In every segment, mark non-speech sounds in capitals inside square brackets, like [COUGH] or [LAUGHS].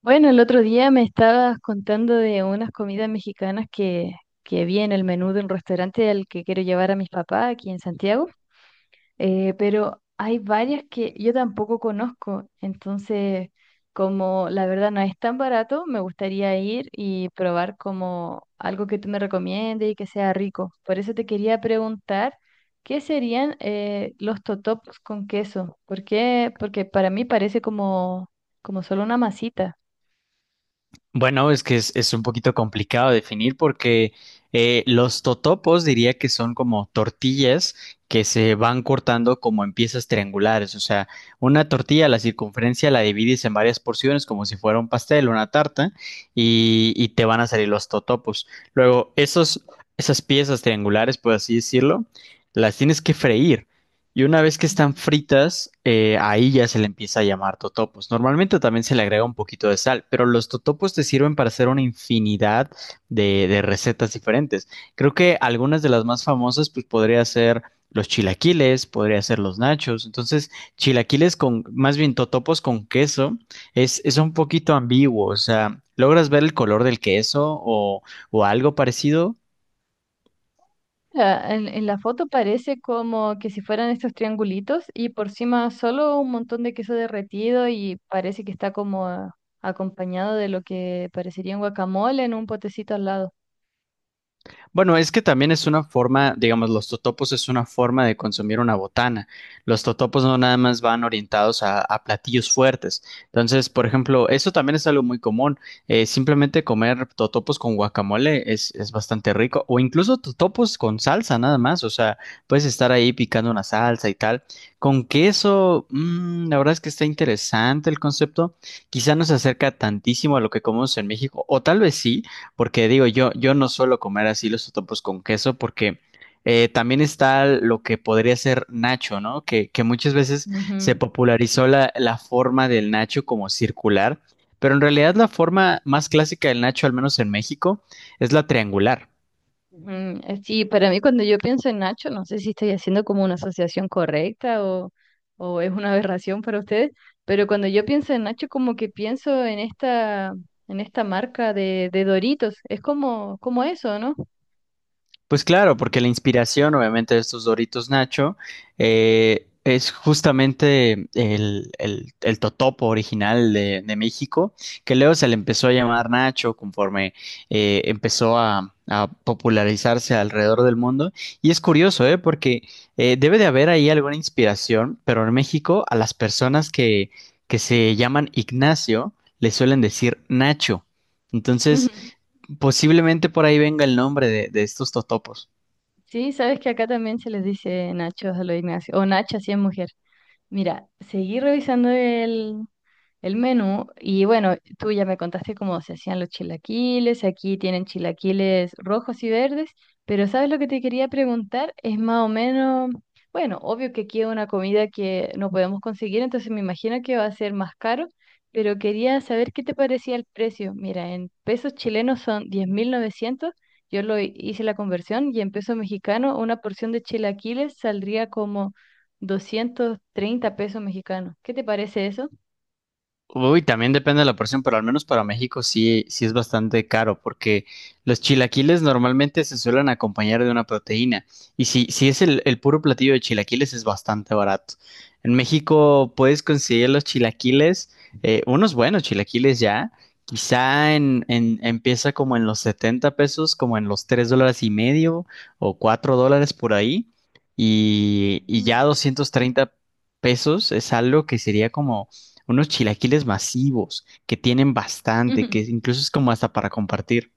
Bueno, el otro día me estabas contando de unas comidas mexicanas que vi en el menú de un restaurante al que quiero llevar a mis papás aquí en Santiago, pero hay varias que yo tampoco conozco, entonces como la verdad no es tan barato, me gustaría ir y probar como algo que tú me recomiendes y que sea rico. Por eso te quería preguntar, ¿qué serían los totopos con queso? ¿Por qué? Porque para mí parece como solo una masita. Bueno, es que es un poquito complicado definir porque los totopos diría que son como tortillas que se van cortando como en piezas triangulares. O sea, una tortilla, la circunferencia la divides en varias porciones como si fuera un pastel, una tarta, y te van a salir los totopos. Luego, esas piezas triangulares, por así decirlo, las tienes que freír. Y una vez que están fritas, ahí ya se le empieza a llamar totopos. Normalmente también se le agrega un poquito de sal, pero los totopos te sirven para hacer una infinidad de recetas diferentes. Creo que algunas de las más famosas, pues podría ser los chilaquiles, podría ser los nachos. Entonces, chilaquiles con, más bien totopos con queso, es un poquito ambiguo. O sea, ¿logras ver el color del queso o algo parecido? Ah, en la foto parece como que si fueran estos triangulitos y por encima solo un montón de queso derretido y parece que está como ah, acompañado de lo que parecería un guacamole en un potecito al lado. Bueno, es que también es una forma, digamos, los totopos es una forma de consumir una botana. Los totopos no nada más van orientados a platillos fuertes. Entonces, por ejemplo, eso también es algo muy común. Simplemente comer totopos con guacamole es bastante rico. O incluso totopos con salsa nada más. O sea, puedes estar ahí picando una salsa y tal. Con queso, mm, la verdad es que está interesante el concepto. Quizá no se acerca tantísimo a lo que comemos en México. O tal vez sí. Porque digo, yo no suelo comer así los totopos con queso porque también está lo que podría ser nacho, ¿no? Que muchas veces se Ujú, popularizó la forma del nacho como circular, pero en realidad la forma más clásica del nacho, al menos en México, es la triangular. ujú. Sí, para mí cuando yo pienso en Nacho, no sé si estoy haciendo como una asociación correcta o es una aberración para ustedes, pero cuando yo pienso en Nacho como que pienso en en esta marca de Doritos, es como eso, ¿no? Pues claro, porque la inspiración, obviamente, de estos Doritos Nacho es justamente el totopo original de México, que luego se le empezó a llamar Nacho conforme empezó a popularizarse alrededor del mundo. Y es curioso, ¿eh? Porque debe de haber ahí alguna inspiración, pero en México a las personas que se llaman Ignacio le suelen decir Nacho. Entonces, Ujú. posiblemente por ahí venga el nombre de estos totopos. Sí, sabes que acá también se les dice Nachos a los Ignacio, o Nacha si es mujer. Mira, seguí revisando el menú. Y bueno, tú ya me contaste cómo se hacían los chilaquiles. Aquí tienen chilaquiles rojos y verdes, pero ¿sabes lo que te quería preguntar? Es más o menos, bueno, obvio que aquí es una comida que no podemos conseguir, entonces me imagino que va a ser más caro, pero quería saber qué te parecía el precio. Mira, en pesos chilenos son 10.900. Yo lo hice la conversión y en pesos mexicanos una porción de chilaquiles saldría como 230 pesos mexicanos. ¿Qué te parece eso? Uy, también depende de la porción, pero al menos para México sí, sí es bastante caro, porque los chilaquiles normalmente se suelen acompañar de una proteína. Y si es el puro platillo de chilaquiles, es bastante barato. En México puedes conseguir los chilaquiles, unos buenos chilaquiles ya. Quizá empieza como en los 70 pesos, como en los 3 dólares y medio o 4 dólares por ahí. Y ya 230 pesos es algo que sería como unos chilaquiles masivos que tienen bastante, que Ujú. incluso es como hasta para compartir.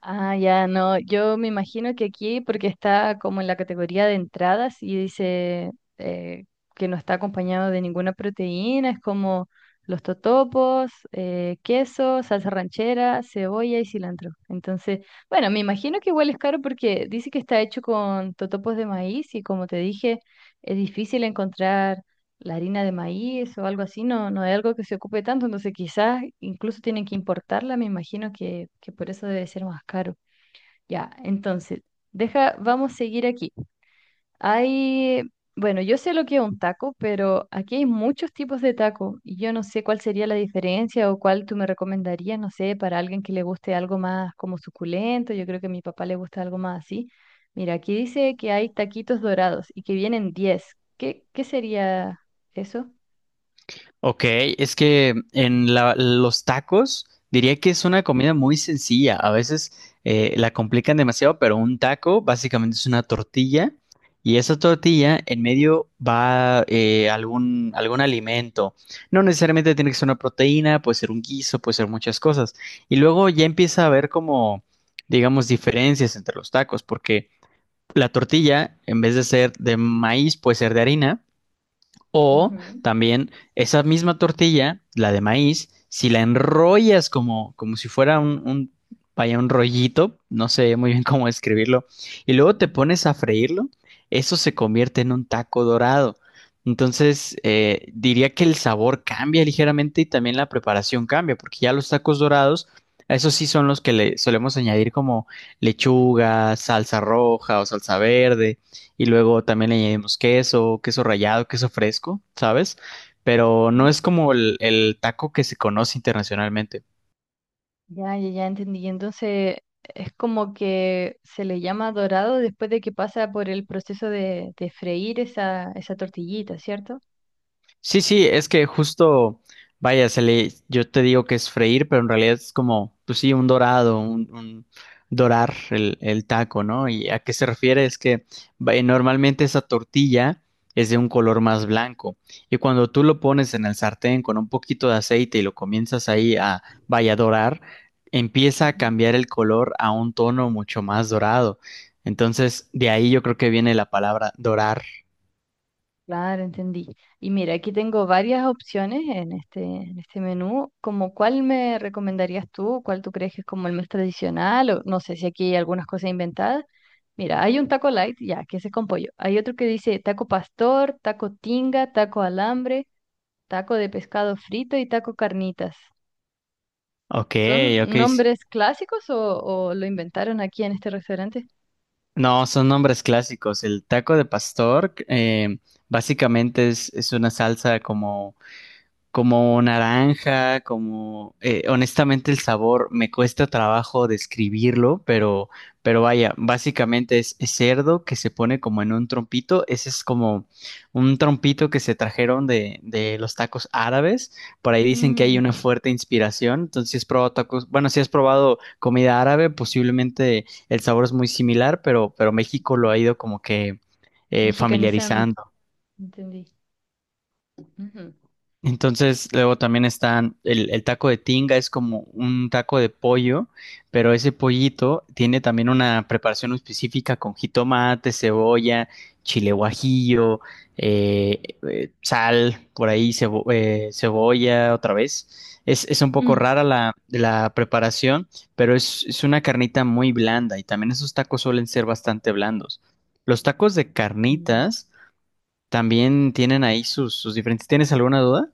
Ah, ya, no, yo me imagino que aquí, porque está como en la categoría de entradas y dice eh, que no está acompañado de ninguna proteína, es como los totopos, queso, salsa ranchera, cebolla y cilantro. Entonces, bueno, me imagino que igual es caro porque dice que está hecho con totopos de maíz y como te dije, es difícil encontrar la harina de maíz o algo así, no, no es algo que se ocupe tanto, entonces quizás incluso tienen que importarla, me imagino que por eso debe ser más caro. Ya, entonces, deja, vamos a seguir aquí. Hay, bueno, yo sé lo que es un taco, pero aquí hay muchos tipos de taco y yo no sé cuál sería la diferencia o cuál tú me recomendarías, no sé, para alguien que le guste algo más como suculento, yo creo que a mi papá le gusta algo más así. Mira, aquí dice que hay taquitos dorados y que vienen 10. ¿Qué sería eso? Ok, es que en los tacos diría que es una comida muy sencilla. A veces la complican demasiado, pero un taco básicamente es una tortilla y esa tortilla en medio va algún alimento. No necesariamente tiene que ser una proteína, puede ser un guiso, puede ser muchas cosas. Y luego ya empieza a haber como, digamos, diferencias entre los tacos, porque la tortilla, en vez de ser de maíz, puede ser de harina. O Ujú, también esa misma tortilla, la de maíz, si la enrollas como, como si fuera vaya, un rollito, no sé muy bien [LAUGHS] cómo describirlo, y luego te pones a freírlo, eso se convierte en un taco dorado. Entonces, diría que el sabor cambia ligeramente y también la preparación cambia, porque ya los tacos dorados, esos sí son los que le solemos añadir como lechuga, salsa roja o salsa verde, y luego también le añadimos queso, queso rallado, queso fresco, ¿sabes? Pero no ujú. es como el taco que se conoce internacionalmente. Ya entendí. Y entonces, es como que se le llama dorado después de que pasa por el proceso de freír esa tortillita, ¿cierto? Sí, sí, es que justo, vaya, se le, yo te digo que es freír, pero en realidad es como, pues sí, un dorado, un dorar el taco, ¿no? ¿Y a qué se refiere? Es que vaya, normalmente esa tortilla es de un color más blanco y cuando tú lo pones en el sartén con un poquito de aceite y lo comienzas ahí a, vaya, dorar, empieza a Ujú. cambiar el color a un tono mucho más dorado. Entonces, de ahí yo creo que viene la palabra dorar. Claro, entendí. Y mira, aquí tengo varias opciones en en este menú. Como, ¿cuál me recomendarías tú? ¿Cuál tú crees que es como el más tradicional? O no sé si aquí hay algunas cosas inventadas. Mira, hay un taco light, ya, que ese es con pollo. Hay otro que dice taco pastor, taco tinga, taco alambre. Taco de pescado frito y taco carnitas. Ok, ¿Son ok. nombres clásicos o lo inventaron aquí en este restaurante? No, son nombres clásicos. El taco de pastor, básicamente es una salsa como como naranja, como honestamente el sabor me cuesta trabajo describirlo, pero vaya, básicamente es cerdo que se pone como en un trompito, ese es como un trompito que se trajeron de los tacos árabes, por ahí dicen que hay Mm, una fuerte inspiración, entonces si has probado tacos, bueno, si has probado comida árabe, posiblemente el sabor es muy similar, pero México lo ha ido como que mexicanizando. familiarizando. Entendí. Ujú. Entonces, luego también están el taco de tinga, es como un taco de pollo, pero ese pollito tiene también una preparación específica con jitomate, cebolla, chile guajillo, eh, sal, por ahí cebolla otra vez. Es un poco Mm, rara la preparación, pero es una carnita muy blanda y también esos tacos suelen ser bastante blandos. Los tacos de entendí. carnitas también tienen ahí sus diferentes. ¿Tienes alguna duda?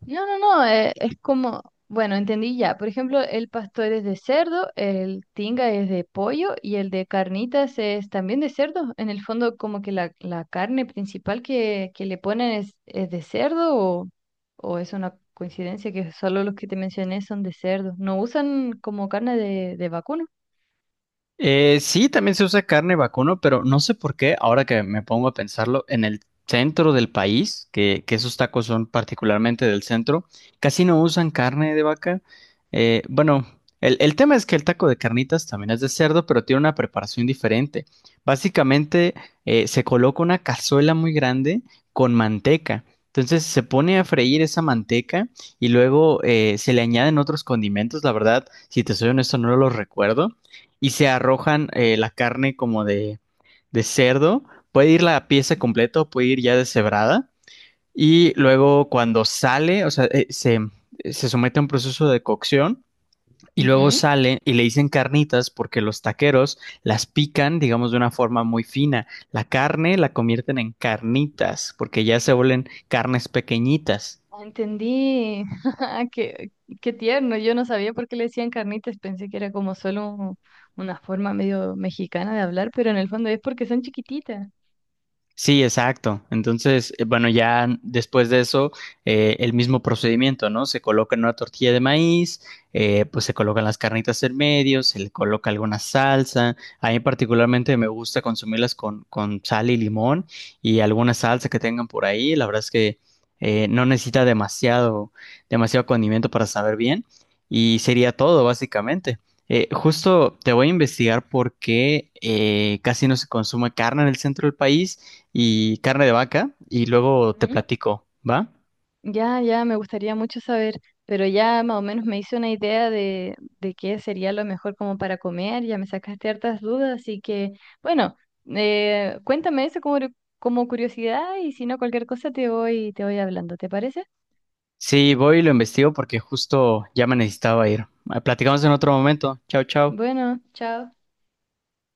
No, es como, bueno, entendí ya. Por ejemplo, el pastor es de cerdo, el tinga es de pollo y el de carnitas es también de cerdo. En el fondo, como que la carne principal que le ponen es de cerdo o es una coincidencia que solo los que te mencioné son de cerdo. No usan como carne de vacuno. Sí, también se usa carne vacuno, pero no sé por qué, ahora que me pongo a pensarlo, en el centro del país, que esos tacos son particularmente del centro, casi no usan carne de vaca. Bueno, el tema es que el taco de carnitas también es de cerdo, pero tiene una preparación diferente. Básicamente, se coloca una cazuela muy grande con manteca. Entonces se pone a freír esa manteca y luego se le añaden otros condimentos. La verdad, si te soy honesto, no los recuerdo y se arrojan la carne como de cerdo. Puede ir la pieza completa o puede ir ya deshebrada. Y luego cuando sale, o sea, se somete a un proceso de cocción y luego Ujú. sale y le dicen carnitas porque los taqueros las pican, digamos, de una forma muy fina. La carne la convierten en carnitas porque ya se vuelven carnes pequeñitas. Ah, entendí. [LAUGHS] Ah, qué tierno. Yo no sabía por qué le decían carnitas. Pensé que era como solo un- una forma medio mexicana de hablar, pero en el fondo es porque son chiquititas. Sí, exacto. Entonces, bueno, ya después de eso, el mismo procedimiento, ¿no? Se coloca en una tortilla de maíz, pues se colocan las carnitas en medio, se le coloca alguna salsa. A mí particularmente me gusta consumirlas con sal y limón y alguna salsa que tengan por ahí. La verdad es que no necesita demasiado, demasiado condimento para saber bien y sería todo, básicamente. Justo te voy a investigar por qué casi no se consume carne en el centro del país y carne de vaca y luego te Ujú. platico, ¿va? Ya, ya, me gustaría mucho saber, pero ya más o menos me hice una idea de qué sería lo mejor como para comer. Ya me sacaste hartas dudas, así que, bueno, cuéntame eso como, como curiosidad y si no, cualquier cosa te voy hablando. ¿Te parece? Sí, voy y lo investigo porque justo ya me necesitaba ir. Ah, platicamos en otro momento. Chao, chao. Bueno, chao.